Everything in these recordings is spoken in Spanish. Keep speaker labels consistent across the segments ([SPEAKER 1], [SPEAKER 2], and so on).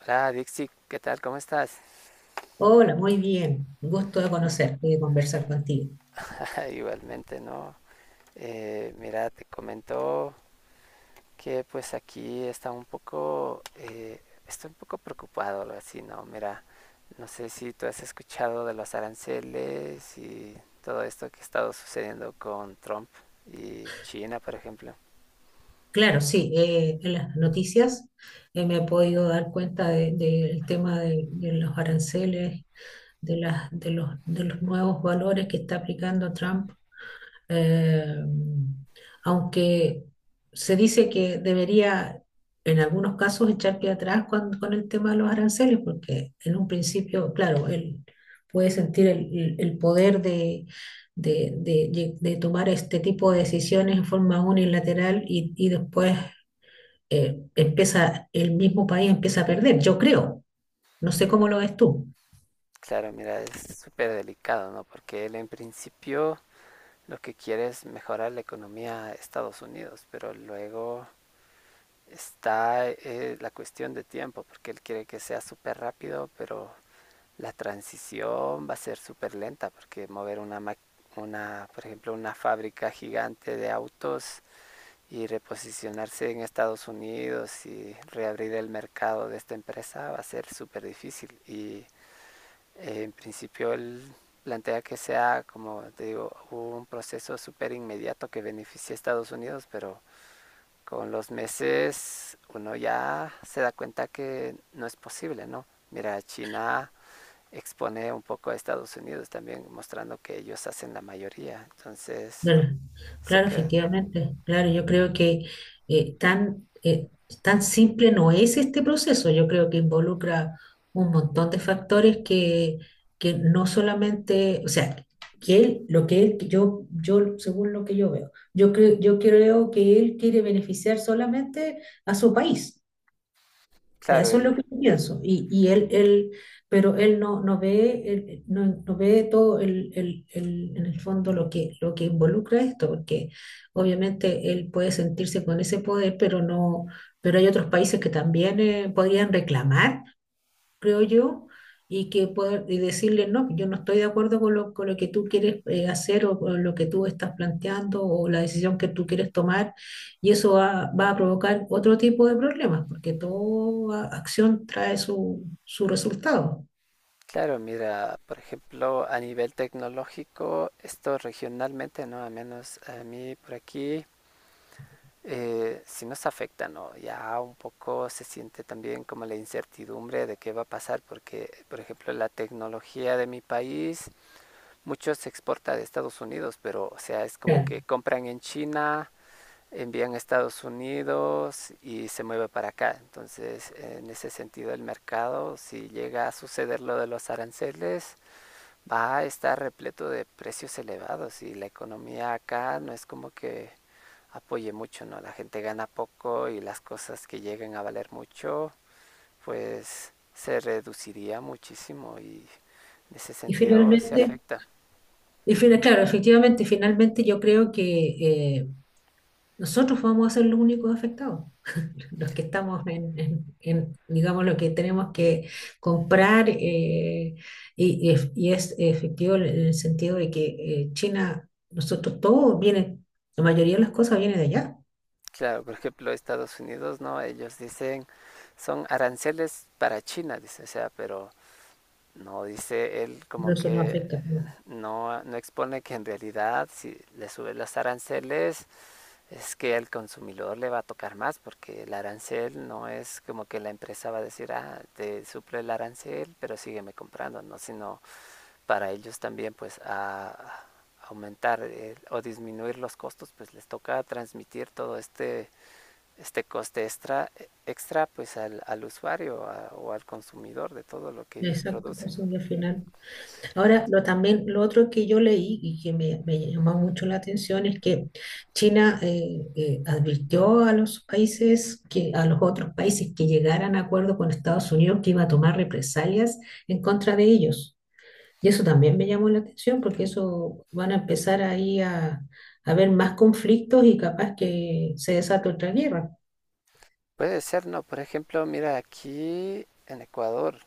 [SPEAKER 1] Hola Dixie, ¿qué tal? ¿Cómo estás?
[SPEAKER 2] Hola, muy bien. Un gusto de conocerte y de conversar contigo.
[SPEAKER 1] Igualmente, ¿no? Mira, te comento que pues aquí está un poco, estoy un poco preocupado, algo así, ¿no? Mira, no sé si tú has escuchado de los aranceles y todo esto que ha estado sucediendo con Trump y China, por ejemplo.
[SPEAKER 2] Claro, sí, en las noticias me he podido dar cuenta del tema de los aranceles, de los nuevos valores que está aplicando Trump, eh, aunque se dice que debería en algunos casos echar pie atrás con el tema de los aranceles, porque en un principio, claro, él puede sentir el poder de- de de tomar este tipo de decisiones en forma unilateral y después, el mismo país empieza a perder, yo creo. No sé cómo lo ves tú.
[SPEAKER 1] Claro, mira, es súper delicado, ¿no? Porque él en principio lo que quiere es mejorar la economía de Estados Unidos, pero luego está la cuestión de tiempo, porque él quiere que sea súper rápido, pero la transición va a ser súper lenta, porque mover una, por ejemplo, una fábrica gigante de autos y reposicionarse en Estados Unidos y reabrir el mercado de esta empresa va a ser súper difícil. Y en principio él plantea que sea, como te digo, un proceso súper inmediato que beneficie a Estados Unidos, pero con los meses uno ya se da cuenta que no es posible, ¿no? Mira, China expone un poco a Estados Unidos también, mostrando que ellos hacen la mayoría. Entonces,
[SPEAKER 2] Claro,
[SPEAKER 1] se
[SPEAKER 2] claro,
[SPEAKER 1] queda.
[SPEAKER 2] efectivamente. Claro, yo creo que eh, tan, eh, tan simple no es este proceso. Yo creo que involucra un montón de factores que no solamente, o sea, que él, lo que él, yo, según lo que yo veo, yo creo que él quiere beneficiar solamente a su país, sea,
[SPEAKER 1] Claro,
[SPEAKER 2] eso es lo
[SPEAKER 1] el,
[SPEAKER 2] que yo pienso. Pero él no ve todo en el fondo lo que involucra esto, porque obviamente él puede sentirse con ese poder, pero no, pero hay otros países que también podrían reclamar, creo yo, y que poder y decirle, no, yo no estoy de acuerdo con lo que tú quieres hacer o con lo que tú estás planteando o la decisión que tú quieres tomar, y eso va a provocar otro tipo de problemas, porque toda acción trae su resultado.
[SPEAKER 1] claro, mira, por ejemplo, a nivel tecnológico, esto regionalmente, ¿no? A menos a mí por aquí, sí nos afecta, ¿no? Ya un poco se siente también como la incertidumbre de qué va a pasar, porque, por ejemplo, la tecnología de mi país mucho se exporta de Estados Unidos, pero o sea, es como
[SPEAKER 2] Claro.
[SPEAKER 1] que compran en China, envían a Estados Unidos y se mueve para acá. Entonces, en ese sentido, el mercado, si llega a suceder lo de los aranceles, va a estar repleto de precios elevados y la economía acá no es como que apoye mucho, ¿no? La gente gana poco y las cosas que lleguen a valer mucho, pues se reduciría muchísimo y en ese
[SPEAKER 2] Y
[SPEAKER 1] sentido se
[SPEAKER 2] finalmente,
[SPEAKER 1] afecta.
[SPEAKER 2] claro, efectivamente, finalmente yo creo que nosotros vamos a ser los únicos afectados. Los que estamos digamos, lo que tenemos que comprar, y es efectivo en el sentido de que China, nosotros todo viene, la mayoría de las cosas viene de allá,
[SPEAKER 1] Claro, por ejemplo, Estados Unidos, ¿no? Ellos dicen, son aranceles para China, dice, o sea, pero no dice él
[SPEAKER 2] no,
[SPEAKER 1] como
[SPEAKER 2] eso no
[SPEAKER 1] que
[SPEAKER 2] afecta, ¿no?
[SPEAKER 1] no, no expone que en realidad si le suben los aranceles es que al consumidor le va a tocar más porque el arancel no es como que la empresa va a decir, ah, te suple el arancel, pero sígueme comprando, ¿no? Sino para ellos también pues a aumentar o disminuir los costos, pues les toca transmitir todo este coste extra pues al usuario o al consumidor de todo lo que ellos
[SPEAKER 2] Exacto,
[SPEAKER 1] producen.
[SPEAKER 2] consumo al final. Ahora, también lo otro que yo leí y que me llamó mucho la atención es que China, advirtió a los países, a los otros países que llegaran a acuerdo con Estados Unidos que iba a tomar represalias en contra de ellos. Y eso también me llamó la atención porque eso van a empezar ahí a haber más conflictos y capaz que se desata otra guerra.
[SPEAKER 1] Puede ser, ¿no? Por ejemplo, mira, aquí en Ecuador,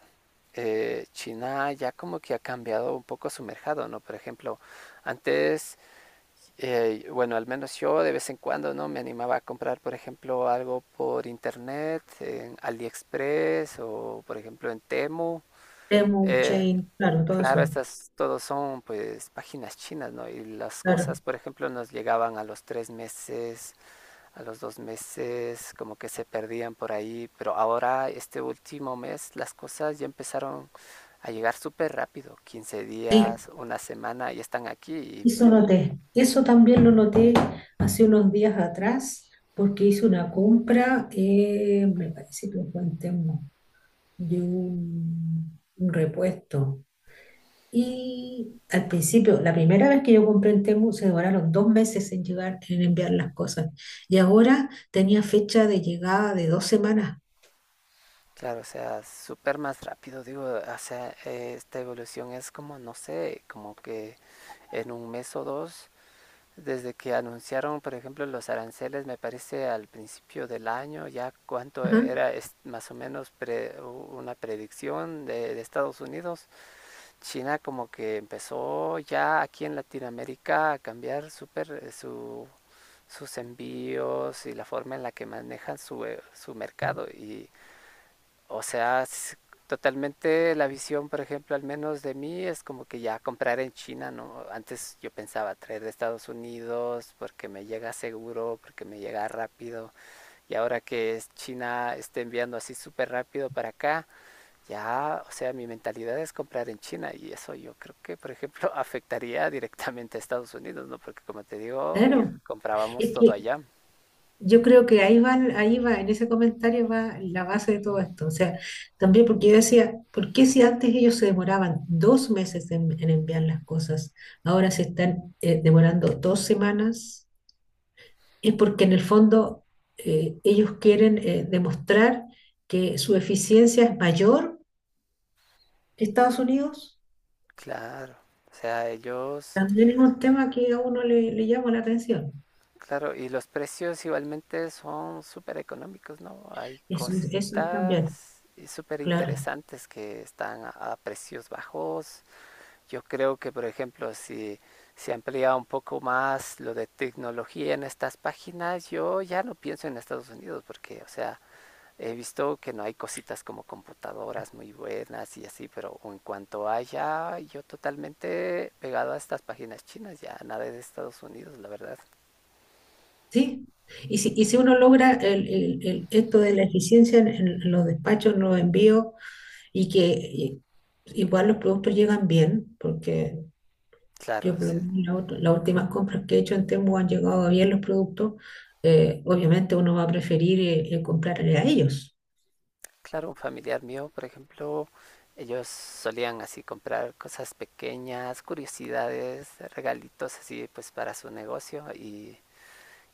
[SPEAKER 1] China ya como que ha cambiado un poco su mercado, ¿no? Por ejemplo, antes, bueno, al menos yo de vez en cuando, ¿no? Me animaba a comprar, por ejemplo, algo por internet, en AliExpress o, por ejemplo, en Temu.
[SPEAKER 2] Temu,
[SPEAKER 1] Eh,
[SPEAKER 2] Chain, claro, todo eso.
[SPEAKER 1] Claro, estas todos son pues páginas chinas, ¿no? Y las
[SPEAKER 2] Claro.
[SPEAKER 1] cosas, por ejemplo, nos llegaban a los 3 meses, a los 2 meses, como que se perdían por ahí, pero ahora este último mes las cosas ya empezaron a llegar súper rápido, 15
[SPEAKER 2] Sí,
[SPEAKER 1] días, una semana, y están aquí y
[SPEAKER 2] Eso también lo noté hace unos días atrás, porque hice una compra, me parece que fue en Temu, de un repuesto. Y al principio, la primera vez que yo compré en Temu, se demoraron 2 meses en llegar, en enviar las cosas. Y ahora tenía fecha de llegada de 2 semanas.
[SPEAKER 1] claro, o sea, súper más rápido, digo, o sea, esta evolución es como, no sé, como que en un mes o dos. Desde que anunciaron, por ejemplo, los aranceles, me parece al principio del año, ya cuánto
[SPEAKER 2] Ajá,
[SPEAKER 1] era más o menos una predicción de Estados Unidos, China como que empezó ya aquí en Latinoamérica a cambiar súper sus envíos y la forma en la que manejan su mercado. Y o sea, totalmente la visión, por ejemplo, al menos de mí, es como que ya comprar en China, ¿no? Antes yo pensaba traer de Estados Unidos porque me llega seguro, porque me llega rápido. Y ahora que es China está enviando así súper rápido para acá, ya, o sea, mi mentalidad es comprar en China. Y eso yo creo que, por ejemplo, afectaría directamente a Estados Unidos, ¿no? Porque como te digo,
[SPEAKER 2] claro.
[SPEAKER 1] comprábamos
[SPEAKER 2] Es
[SPEAKER 1] todo
[SPEAKER 2] que
[SPEAKER 1] allá.
[SPEAKER 2] yo creo que ahí va, en ese comentario va la base de todo esto. O sea, también porque yo decía, ¿por qué si antes ellos se demoraban 2 meses en enviar las cosas, ahora se están demorando 2 semanas? Es porque en el fondo ellos quieren demostrar que su eficiencia es mayor que Estados Unidos.
[SPEAKER 1] Claro. O sea, ellos...
[SPEAKER 2] También es un tema que a uno le llama la atención.
[SPEAKER 1] Claro, y los precios igualmente son súper económicos, ¿no? Hay
[SPEAKER 2] Eso es también,
[SPEAKER 1] cositas y súper
[SPEAKER 2] claro.
[SPEAKER 1] interesantes que están a precios bajos. Yo creo que, por ejemplo, si se amplía un poco más lo de tecnología en estas páginas, yo ya no pienso en Estados Unidos porque, o sea, he visto que no hay cositas como computadoras muy buenas y así, pero en cuanto haya, yo totalmente pegado a estas páginas chinas, ya nada de Estados Unidos, la verdad.
[SPEAKER 2] Sí, y si uno logra esto de la eficiencia en los despachos, en los envíos, y que y- igual los productos llegan bien, porque
[SPEAKER 1] Claro,
[SPEAKER 2] yo por lo
[SPEAKER 1] es
[SPEAKER 2] menos las últimas compras que he hecho en Temu han llegado bien los productos, obviamente uno va a preferir comprarle a ellos,
[SPEAKER 1] Claro, un familiar mío, por ejemplo, ellos solían así comprar cosas pequeñas, curiosidades, regalitos así pues para su negocio y,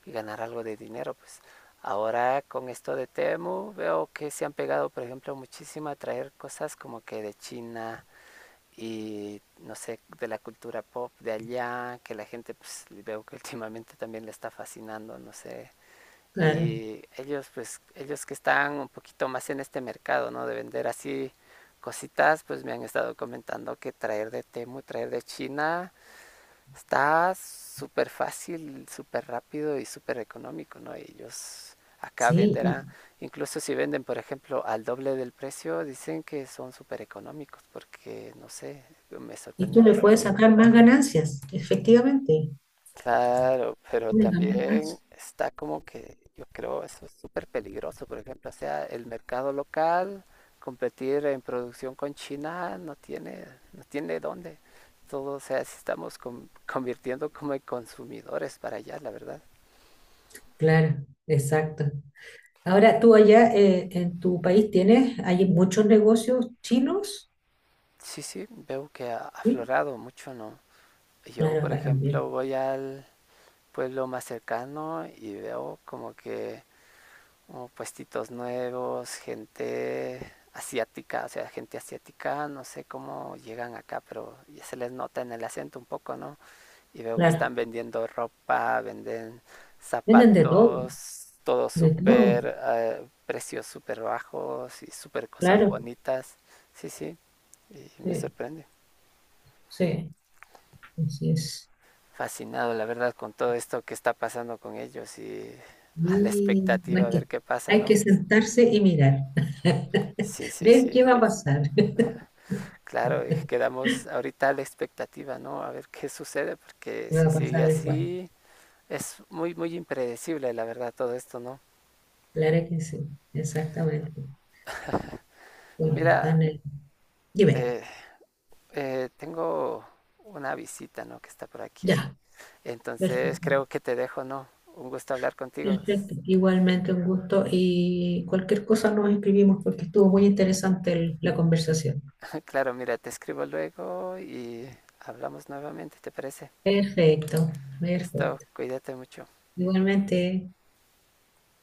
[SPEAKER 1] y ganar algo de dinero, pues. Ahora con esto de Temu veo que se han pegado, por ejemplo, muchísimo a traer cosas como que de China y no sé, de la cultura pop de allá, que la gente pues veo que últimamente también le está fascinando, no sé,
[SPEAKER 2] claro,
[SPEAKER 1] y ellos pues ellos que están un poquito más en este mercado no de vender así cositas pues me han estado comentando que traer de Temu traer de China está súper fácil súper rápido y súper económico no ellos acá
[SPEAKER 2] sí, y,
[SPEAKER 1] venderán incluso si venden por ejemplo al doble del precio dicen que son súper económicos porque no sé me
[SPEAKER 2] y
[SPEAKER 1] sorprende
[SPEAKER 2] tú le puedes
[SPEAKER 1] bastante.
[SPEAKER 2] sacar más ganancias, efectivamente,
[SPEAKER 1] Claro, pero
[SPEAKER 2] una ganancia,
[SPEAKER 1] también está como que yo creo eso es súper peligroso, por ejemplo, o sea, el mercado local, competir en producción con China no tiene, no tiene dónde. Todo, o sea, si estamos convirtiendo como en consumidores para allá, la verdad.
[SPEAKER 2] claro, exacto. Ahora, tú allá en tu país hay muchos negocios chinos.
[SPEAKER 1] Sí, sí, veo que ha
[SPEAKER 2] Sí,
[SPEAKER 1] aflorado mucho, ¿no? Yo,
[SPEAKER 2] claro,
[SPEAKER 1] por
[SPEAKER 2] acá también.
[SPEAKER 1] ejemplo, voy al pueblo más cercano y veo como que o puestitos nuevos, gente asiática, o sea, gente asiática, no sé cómo llegan acá, pero ya se les nota en el acento un poco, ¿no? Y veo que
[SPEAKER 2] Claro.
[SPEAKER 1] están vendiendo ropa, venden
[SPEAKER 2] Venden de todo,
[SPEAKER 1] zapatos, todo
[SPEAKER 2] de todo.
[SPEAKER 1] súper, precios súper bajos y súper cosas
[SPEAKER 2] Claro.
[SPEAKER 1] bonitas. Sí, sí, y me
[SPEAKER 2] Sí,
[SPEAKER 1] sorprende.
[SPEAKER 2] sí, así es.
[SPEAKER 1] Fascinado, la verdad, con todo esto que está pasando con ellos y a la
[SPEAKER 2] Y
[SPEAKER 1] expectativa
[SPEAKER 2] bueno,
[SPEAKER 1] a
[SPEAKER 2] es
[SPEAKER 1] ver
[SPEAKER 2] que
[SPEAKER 1] qué pasa,
[SPEAKER 2] hay que
[SPEAKER 1] ¿no?
[SPEAKER 2] sentarse y mirar.
[SPEAKER 1] Sí, sí,
[SPEAKER 2] Ver
[SPEAKER 1] sí.
[SPEAKER 2] qué va a pasar.
[SPEAKER 1] Claro,
[SPEAKER 2] ¿Qué
[SPEAKER 1] quedamos ahorita a la expectativa, ¿no? A ver qué sucede, porque
[SPEAKER 2] va
[SPEAKER 1] si
[SPEAKER 2] a
[SPEAKER 1] sigue
[SPEAKER 2] pasar después?
[SPEAKER 1] así, es muy, muy impredecible, la verdad, todo esto, ¿no?
[SPEAKER 2] Claro que sí, exactamente. Bueno,
[SPEAKER 1] Mira,
[SPEAKER 2] dime,
[SPEAKER 1] eh, tengo una visita, ¿no? Que está por aquí.
[SPEAKER 2] ya,
[SPEAKER 1] Entonces
[SPEAKER 2] perfecto.
[SPEAKER 1] creo que te dejo, ¿no? Un gusto hablar contigo.
[SPEAKER 2] Perfecto, igualmente un gusto y cualquier cosa nos escribimos porque estuvo muy interesante la conversación.
[SPEAKER 1] Claro, mira, te escribo luego y hablamos nuevamente, ¿te parece?
[SPEAKER 2] Perfecto,
[SPEAKER 1] Listo,
[SPEAKER 2] perfecto.
[SPEAKER 1] cuídate mucho.
[SPEAKER 2] Igualmente.